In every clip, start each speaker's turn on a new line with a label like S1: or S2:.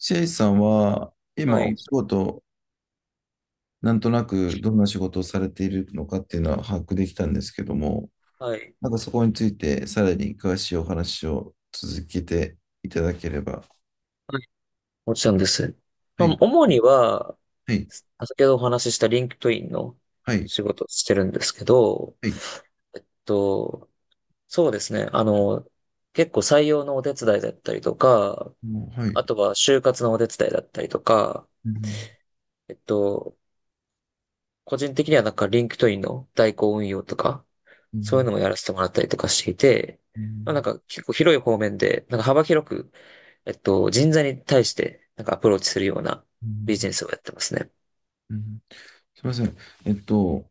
S1: シェイさんは、
S2: は
S1: 今お
S2: い、
S1: 仕事、なんとなくどんな仕事をされているのかっていうのは把握できたんですけども、
S2: はい、
S1: なんかそこについてさらに詳しいお話を続けていただければ。
S2: はい、もち
S1: は
S2: ろんです。ま
S1: い、は
S2: あ、主には、
S1: い、
S2: 先ほどお話ししたリンクトインの
S1: はい、
S2: 仕事をしてるんですけど、
S1: はい、
S2: と、そうですね。結構採用のお手伝いだったりとか、
S1: もう、はい。
S2: あとは就活のお手伝いだったりとか、
S1: うん
S2: えっと、個人的にはなんかリンクトインの代行運用とか、
S1: う
S2: そういう
S1: ん
S2: のもやらせてもらったりとかしていて、
S1: う
S2: まあ、なん
S1: ん
S2: か結構広い方面で、なんか幅広く人材に対してなんかアプローチするような
S1: う
S2: ビジ
S1: ん
S2: ネスをやってますね。
S1: うん。すみません。えっと、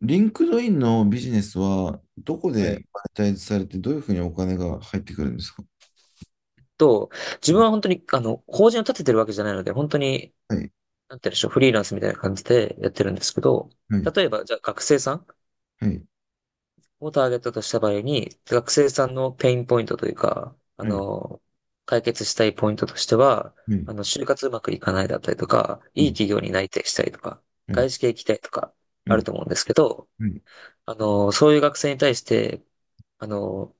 S1: リンクドインのビジネスはどこ
S2: は
S1: で
S2: い。
S1: マネタイズされて、どういうふうにお金が入ってくるんですか？
S2: と、自分は本当に、法人を立ててるわけじゃないので、本当に、
S1: はい、
S2: なんて言うんでしょう、フリーランスみたいな感じでやってるんですけど、
S1: はい、
S2: 例えば、じゃあ学生さん
S1: はい、はい、
S2: をターゲットとした場合に、学生さんのペインポイントというか、
S1: はい、
S2: 解決したいポイントとしては、
S1: は
S2: 就活うまくいかないだったりとか、いい
S1: い。
S2: 企業に内定したいとか、
S1: はい
S2: 外資系行きたいとか、
S1: は
S2: ある
S1: い、
S2: と思うんですけど、
S1: はい、
S2: そういう学生に対して、あの、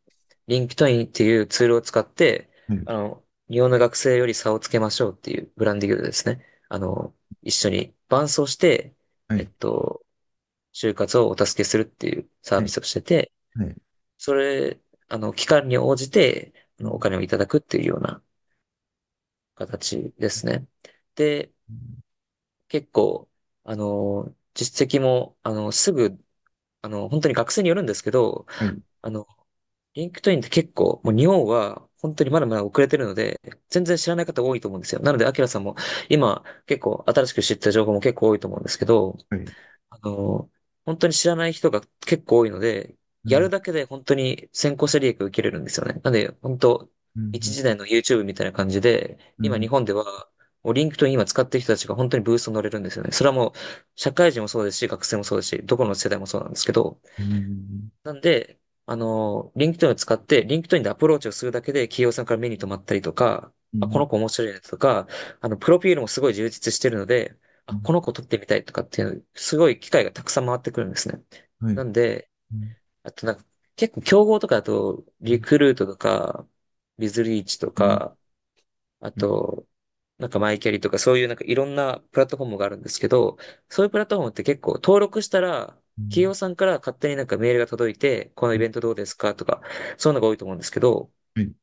S2: リンクトインっていうツールを使って、
S1: は
S2: 日本の学生より差をつけましょうっていうブランディングでですね、一緒に伴走して、え
S1: い、
S2: っと、就活をお助けするっていうサー
S1: は
S2: ビ
S1: い、
S2: スをしてて、
S1: はい、はい、
S2: それ、期間に応じて、
S1: う
S2: お
S1: ん、
S2: 金をいただくっていうような形ですね。で、結構、実績も、あの、すぐ、あの、本当に学生によるんですけど、
S1: はい、
S2: あの、リンクトインって結構、もう日本は本当にまだまだ遅れてるので、全然知らない方多いと思うんですよ。なので、アキラさんも今結構新しく知った情報も結構多いと思うんですけど、
S1: はい、
S2: あの、本当に知らない人が結構多いので、
S1: う
S2: やる
S1: ん、
S2: だけで本当に先行者利益を受けれるんですよね。なので、本当、
S1: う
S2: 一
S1: ん、
S2: 時代の YouTube みたいな感じで、
S1: う
S2: 今日
S1: ん、
S2: 本では、もうリンクトイン今使ってる人たちが本当にブーストに乗れるんですよね。それはもう、社会人もそうですし、学生もそうですし、どこの世代もそうなんですけど、
S1: うん、
S2: なんで、リンク k e ンを使って、リンクトインでアプローチをするだけで企業さんから目に留まったりとか、
S1: う
S2: あ、こ
S1: ん、
S2: の子面白いねとか、プロフィールもすごい充実してるので、あ、この子取ってみたいとかっていう、すごい機会がたくさん回ってくるんですね。
S1: は
S2: な
S1: い、
S2: んで、
S1: うん、
S2: あとなんか、結構競合とかだと、
S1: う
S2: リ
S1: ん、
S2: クルートとか、ビズリーチと
S1: うん、
S2: か、あと、なんかマイキャリとかそういうなんかいろんなプラットフォームがあるんですけど、そういうプラットフォームって結構登録したら、
S1: う
S2: 企業
S1: ん、
S2: さんから勝手になんかメールが届いて、このイベントどうですかとか、そういうのが多いと思うんですけど、
S1: はい、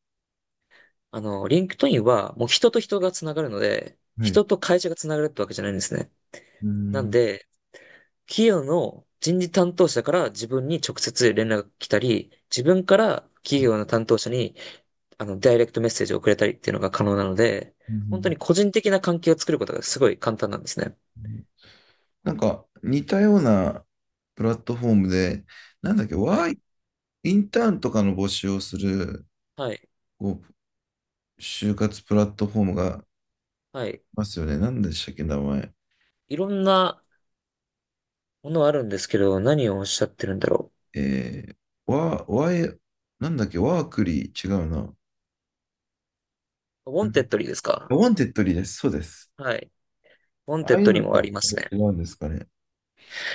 S2: リンクトインはもう人と人がつながるので、
S1: はい、
S2: 人と会社がつながるってわけじゃないんですね。
S1: う
S2: なん
S1: ん、
S2: で、企業の人事担当者から自分に直接連絡が来たり、自分から企業の担当者にダイレクトメッセージを送れたりっていうのが可能なので、
S1: う
S2: 本当
S1: ん。
S2: に個人的な関係を作ることがすごい簡単なんですね。
S1: なんか、似たようなプラットフォームで、なんだっけ、
S2: は
S1: ワ
S2: い。
S1: イ、インターンとかの募集をする、
S2: はい。
S1: こう、就活プラットフォームがあり
S2: はい。
S1: ますよね。なんでしたっけ、名前。
S2: いろんなものあるんですけど、何をおっしゃってるんだろ
S1: えー、ワー、ワイ、なんだっけ、ワークリー、違うな。
S2: う。ウォ
S1: う
S2: ンテ
S1: ん。
S2: ッドリーですか？
S1: ウォンテッドリーです。そうです。
S2: はい。ウォン
S1: あ
S2: テ
S1: あ
S2: ッ
S1: い
S2: ド
S1: う
S2: リ
S1: の
S2: ーも
S1: と
S2: あ
S1: は
S2: りますね。
S1: 違うんですかね。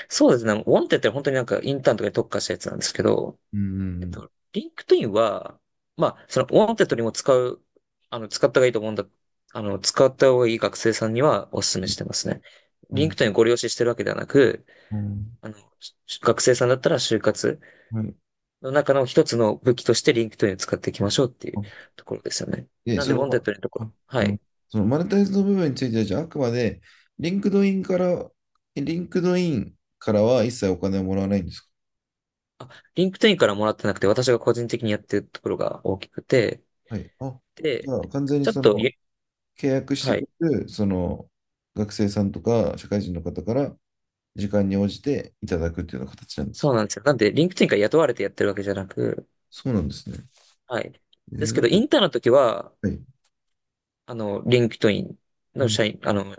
S2: そうですね。ウォンテッドリーは本当になんかインターンとかに特化したやつなんですけど、
S1: うんうん
S2: リンクトインは、まあ、そのウォンテッドリーも使う、あの、使った方がいいと思うんだ。使った方がいい学生さんにはお勧
S1: う
S2: めし
S1: ん。
S2: てますね。
S1: う
S2: リンク
S1: ん、
S2: トインをご利用ししてるわけではなく、あの、学生さんだったら就活
S1: はい。
S2: の中の一つの武器としてリンクトインを使っていきましょうっていう
S1: あ、
S2: ところですよね。
S1: で、
S2: なん
S1: そ
S2: で、ウォンテッ
S1: の、
S2: ドのとこ
S1: あ、
S2: ろ、は
S1: うん、
S2: い。
S1: そのマネタイズの部分については、じゃあ、あくまで、リンクドインから、リンクドインからは一切お金をもらわないんですか？
S2: あ、リンクトインからもらってなくて、私が個人的にやってるところが大きくて、
S1: はい。あ、じ
S2: で、
S1: ゃあ、完全に
S2: ちょっ
S1: そ
S2: と
S1: の、
S2: ゆ、
S1: 契約して
S2: はい。
S1: くる、その、学生さんとか、社会人の方から、時間に応じていただくっていうような形なんです
S2: そ
S1: よ。
S2: うなんですよ。なんで、リンクトインから雇われてやってるわけじゃなく、
S1: そうなんですね。
S2: はい。です
S1: な
S2: け
S1: ん
S2: ど、
S1: か、
S2: インターンの時は、
S1: はい。
S2: リンクトイン
S1: う
S2: の
S1: ん。
S2: 社員、あの、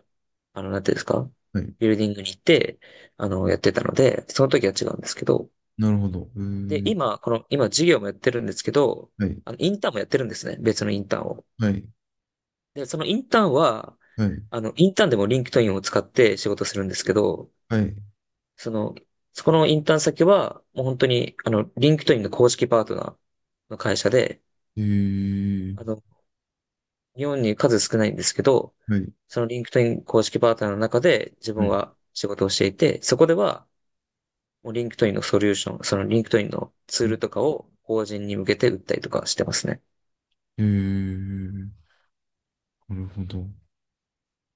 S2: あの、なんていうんですか？
S1: はい。
S2: ビルディングに行って、やってたので、その時は違うんですけど、
S1: なるほど。
S2: で、今、この、今授業もやってるんですけど、
S1: はい、
S2: インターンもやってるんですね。別のインターンを。
S1: はい、
S2: で、そのインターンは、
S1: はい、
S2: インターンでもリンクトインを使って仕事するんですけど、
S1: はい。
S2: その、そこのインターン先は、もう本当に、リンクトインの公式パートナーの会社で、
S1: えー、
S2: あの、日本に数少ないんですけど、
S1: はい、
S2: そのリンクトイン公式パートナーの中で自
S1: は
S2: 分
S1: い。
S2: は仕事をしていて、そこでは、もうリンクトインのソリューション、そのリンクトインのツールとかを法人に向けて売ったりとかしてますね。
S1: えー、なるほど。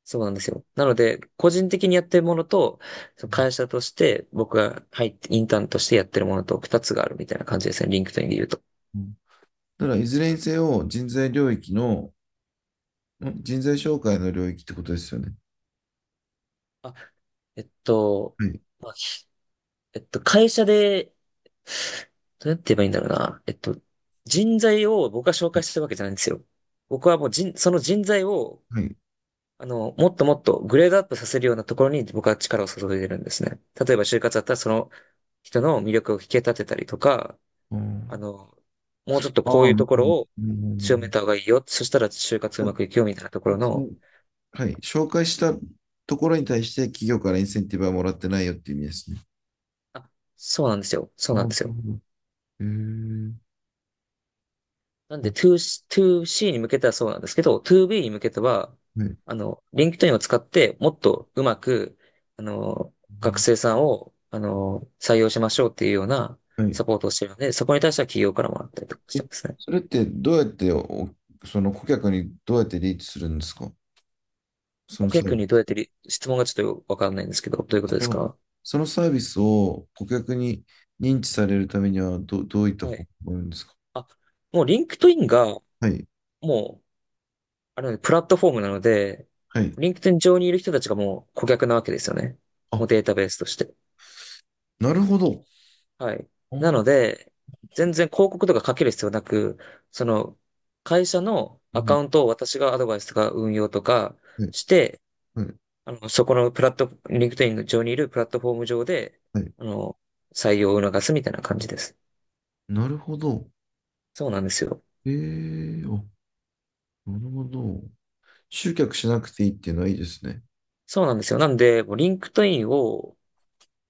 S2: そうなんですよ。なので、個人的にやってるものと、その会社として僕が入って、インターンとしてやってるものと二つがあるみたいな感じですね。リンクトインで言うと。
S1: うん。ただ、いずれにせよ、人材領域の、人材紹介の領域ってことですよね。
S2: あ、えっと、
S1: はい、
S2: まあ、ひえっと、会社で、どうやって言えばいいんだろうな。えっと、人材を僕が紹介してるわけじゃないんですよ。僕はもう人、その人材を、
S1: はい。
S2: もっともっとグレードアップさせるようなところに僕は力を注いでるんですね。例えば就活だったらその人の魅力を引き立てたりとか、あ
S1: あ
S2: の、もうちょっと
S1: あ、あ
S2: こう
S1: あ、
S2: い
S1: う
S2: うと
S1: ん
S2: ころを
S1: うんう
S2: 強め
S1: ん、
S2: た方がいいよ。そしたら就活うまくいくよみたいなところ
S1: その、
S2: の、
S1: はい。紹介したところに対して企業からインセンティブはもらってないよっていう意味ですね。
S2: あ、そうなんですよ。そ
S1: あ
S2: う
S1: あ、
S2: な
S1: な
S2: んです
S1: る
S2: よ。
S1: ほど。えー、
S2: なんで
S1: あ、
S2: 2C、2C に向けてはそうなんですけど、2B に向けては、
S1: はい。
S2: LinkedIn を使ってもっとうまく、あの、
S1: う
S2: 学
S1: ん、
S2: 生さんを、採用しましょうっていうような
S1: はい。
S2: サポートをしてるので、そこに対しては企業からもらったりとかして
S1: え、
S2: ますね。
S1: それってどうやってお、その顧客にどうやってリーチするんですか？そ
S2: 顧
S1: のサー
S2: 客
S1: ビ
S2: にどう
S1: ス。
S2: やってり、質問がちょっとよくわかんないんですけど、どういうことで
S1: そ
S2: す
S1: の、
S2: か？
S1: そのサービスを顧客に認知されるためにはどういった
S2: は
S1: 方法
S2: い。
S1: があるんですか？
S2: あ、もう LinkedIn が、
S1: はい、
S2: もう、あれはねプラットフォームなので、
S1: はい。
S2: LinkedIn 上にいる人たちがもう顧客なわけですよね。も
S1: あ、
S2: うデータベースとして。
S1: なるほど。
S2: はい。
S1: あ
S2: な
S1: ー、
S2: ので、全然広告とかかける必要なく、その、会社の
S1: う
S2: アカ
S1: ん、
S2: ウントを私がアドバイスとか運用とか
S1: はい、
S2: して、
S1: はい、
S2: そこのプラット、LinkedIn 上にいるプラットフォーム上で、
S1: はい。
S2: あの、採用を促すみたいな感じです。
S1: なるほど。
S2: そうなんですよ。
S1: ええ、あ、なるほど。集客しなくていいっていうのはいいですね。
S2: そうなんですよ。なんで、もう LinkedIn を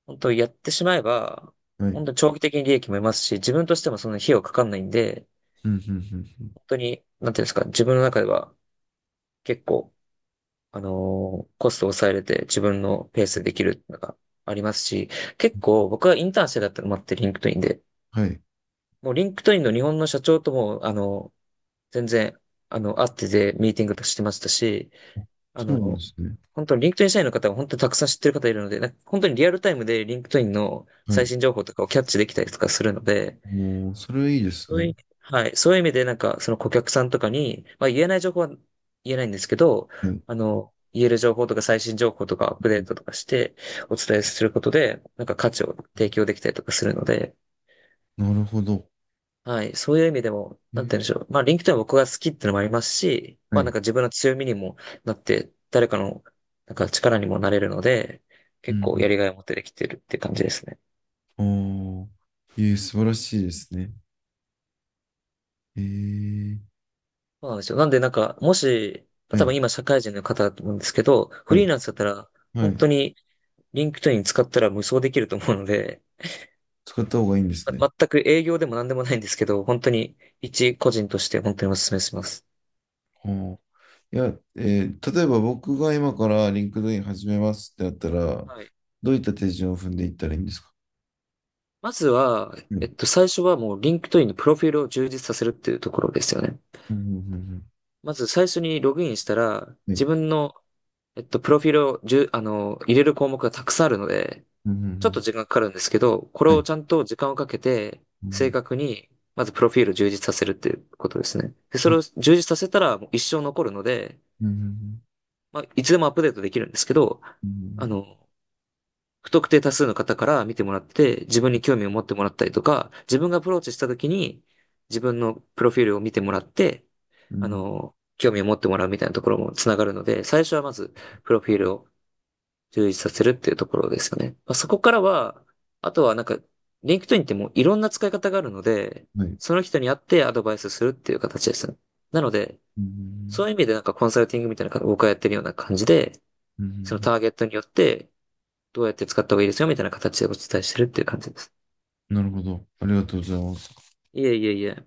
S2: 本当やってしまえば、
S1: はい。
S2: 本当に長期的に利益も得ますし、自分としてもその費用かかんないんで、
S1: うん、うん、うん、うん、
S2: 本当に、なんていうんですか、自分の中では結構、コストを抑えれて自分のペースでできるのがありますし、結構僕はインターンしてだったのもあって、リンクトインで。
S1: はい。
S2: もうリンクトインの日本の社長とも、全然、会っててミーティングとかしてましたし、あ
S1: そうなんで
S2: の、
S1: すね。
S2: 本当にリンクトイン社員の方は本当にたくさん知ってる方いるので、なんか本当にリアルタイムでリンクトインの
S1: は
S2: 最
S1: い。
S2: 新情報とかをキャッチできたりとかするので、
S1: もう、それはいいです
S2: そうい
S1: ね。
S2: う、はい。そういう意味で、なんか、その顧客さんとかに、まあ言えない情報は言えないんですけど、
S1: はい。
S2: 言える情報とか最新情報とかアップデートとかしてお伝えすることで、なんか価値を提供できたりとかするので、
S1: なるほど。
S2: はい。そういう意味でも、
S1: え
S2: なん
S1: ー
S2: て言うんでしょう。まあ、リンクトインは僕が好きってのもありますし、
S1: は
S2: まあなん
S1: い。
S2: か自分の強みにもなって、誰かの、なんか力にもなれるので、
S1: う
S2: 結構
S1: ん。
S2: やりがいを持ってできてるって感じですね。
S1: ああ。素晴らしいですね。えー、
S2: そうなんですよ。なんでなんか、もし、
S1: は
S2: 多分
S1: い。
S2: 今社会人の方だと思うんですけど、
S1: は
S2: フリ
S1: い。
S2: ーランスだったら、
S1: は
S2: 本
S1: い。
S2: 当にリンクトイン使ったら無双できると思うので、
S1: 使った方がいいんですね。
S2: ま、全く営業でも何でもないんですけど、本当に一個人として本当にお勧めします。
S1: はあ。いや、例えば僕が今からリンクドイン始めますってなったら、
S2: はい。
S1: どういった手順を踏んでいったらいいんですか？
S2: まずは、
S1: はい。うん。
S2: 最初はもうリンクトインのプロフィールを充実させるっていうところですよね。
S1: うんうんうん、
S2: まず最初にログインしたら、
S1: は
S2: 自
S1: い。
S2: 分の、プロフィールをじゅ、入れる項目がたくさんあるので、
S1: うん。う
S2: ちょっと
S1: ん
S2: 時間かかるんですけど、これ
S1: うん、は
S2: を
S1: い。
S2: ちゃんと時間をかけて、
S1: う
S2: 正
S1: ん。
S2: 確に、まずプロフィールを充実させるっていうことですね。で、そ
S1: は
S2: れ
S1: い。
S2: を充実させたらもう一生残るので、
S1: うん。
S2: まあ、いつでもアップデートできるんですけど、
S1: う
S2: あ
S1: ん。
S2: の、不特定多数の方から見てもらって、自分に興味を持ってもらったりとか、自分がアプローチした時に、自分のプロフィールを見てもらって、
S1: うん。
S2: 興味を持ってもらうみたいなところもつながるので、最初はまず、プロフィールを充実させるっていうところですよね。まあ、そこからは、あとはなんか、リンク d i n ってもういろんな使い方があるので、
S1: うん、はい。
S2: その人に会ってアドバイスするっていう形ですね。なので、
S1: うん。
S2: そういう意味でなんかコンサルティングみたいな、僕がやってるような感じで、
S1: うん。う
S2: その
S1: ん、
S2: ターゲットによって、どうやって使った方がいいですよみたいな形でお伝えしてるっていう感じです。
S1: なるほど。ありがとうございます。
S2: いえいえいえ。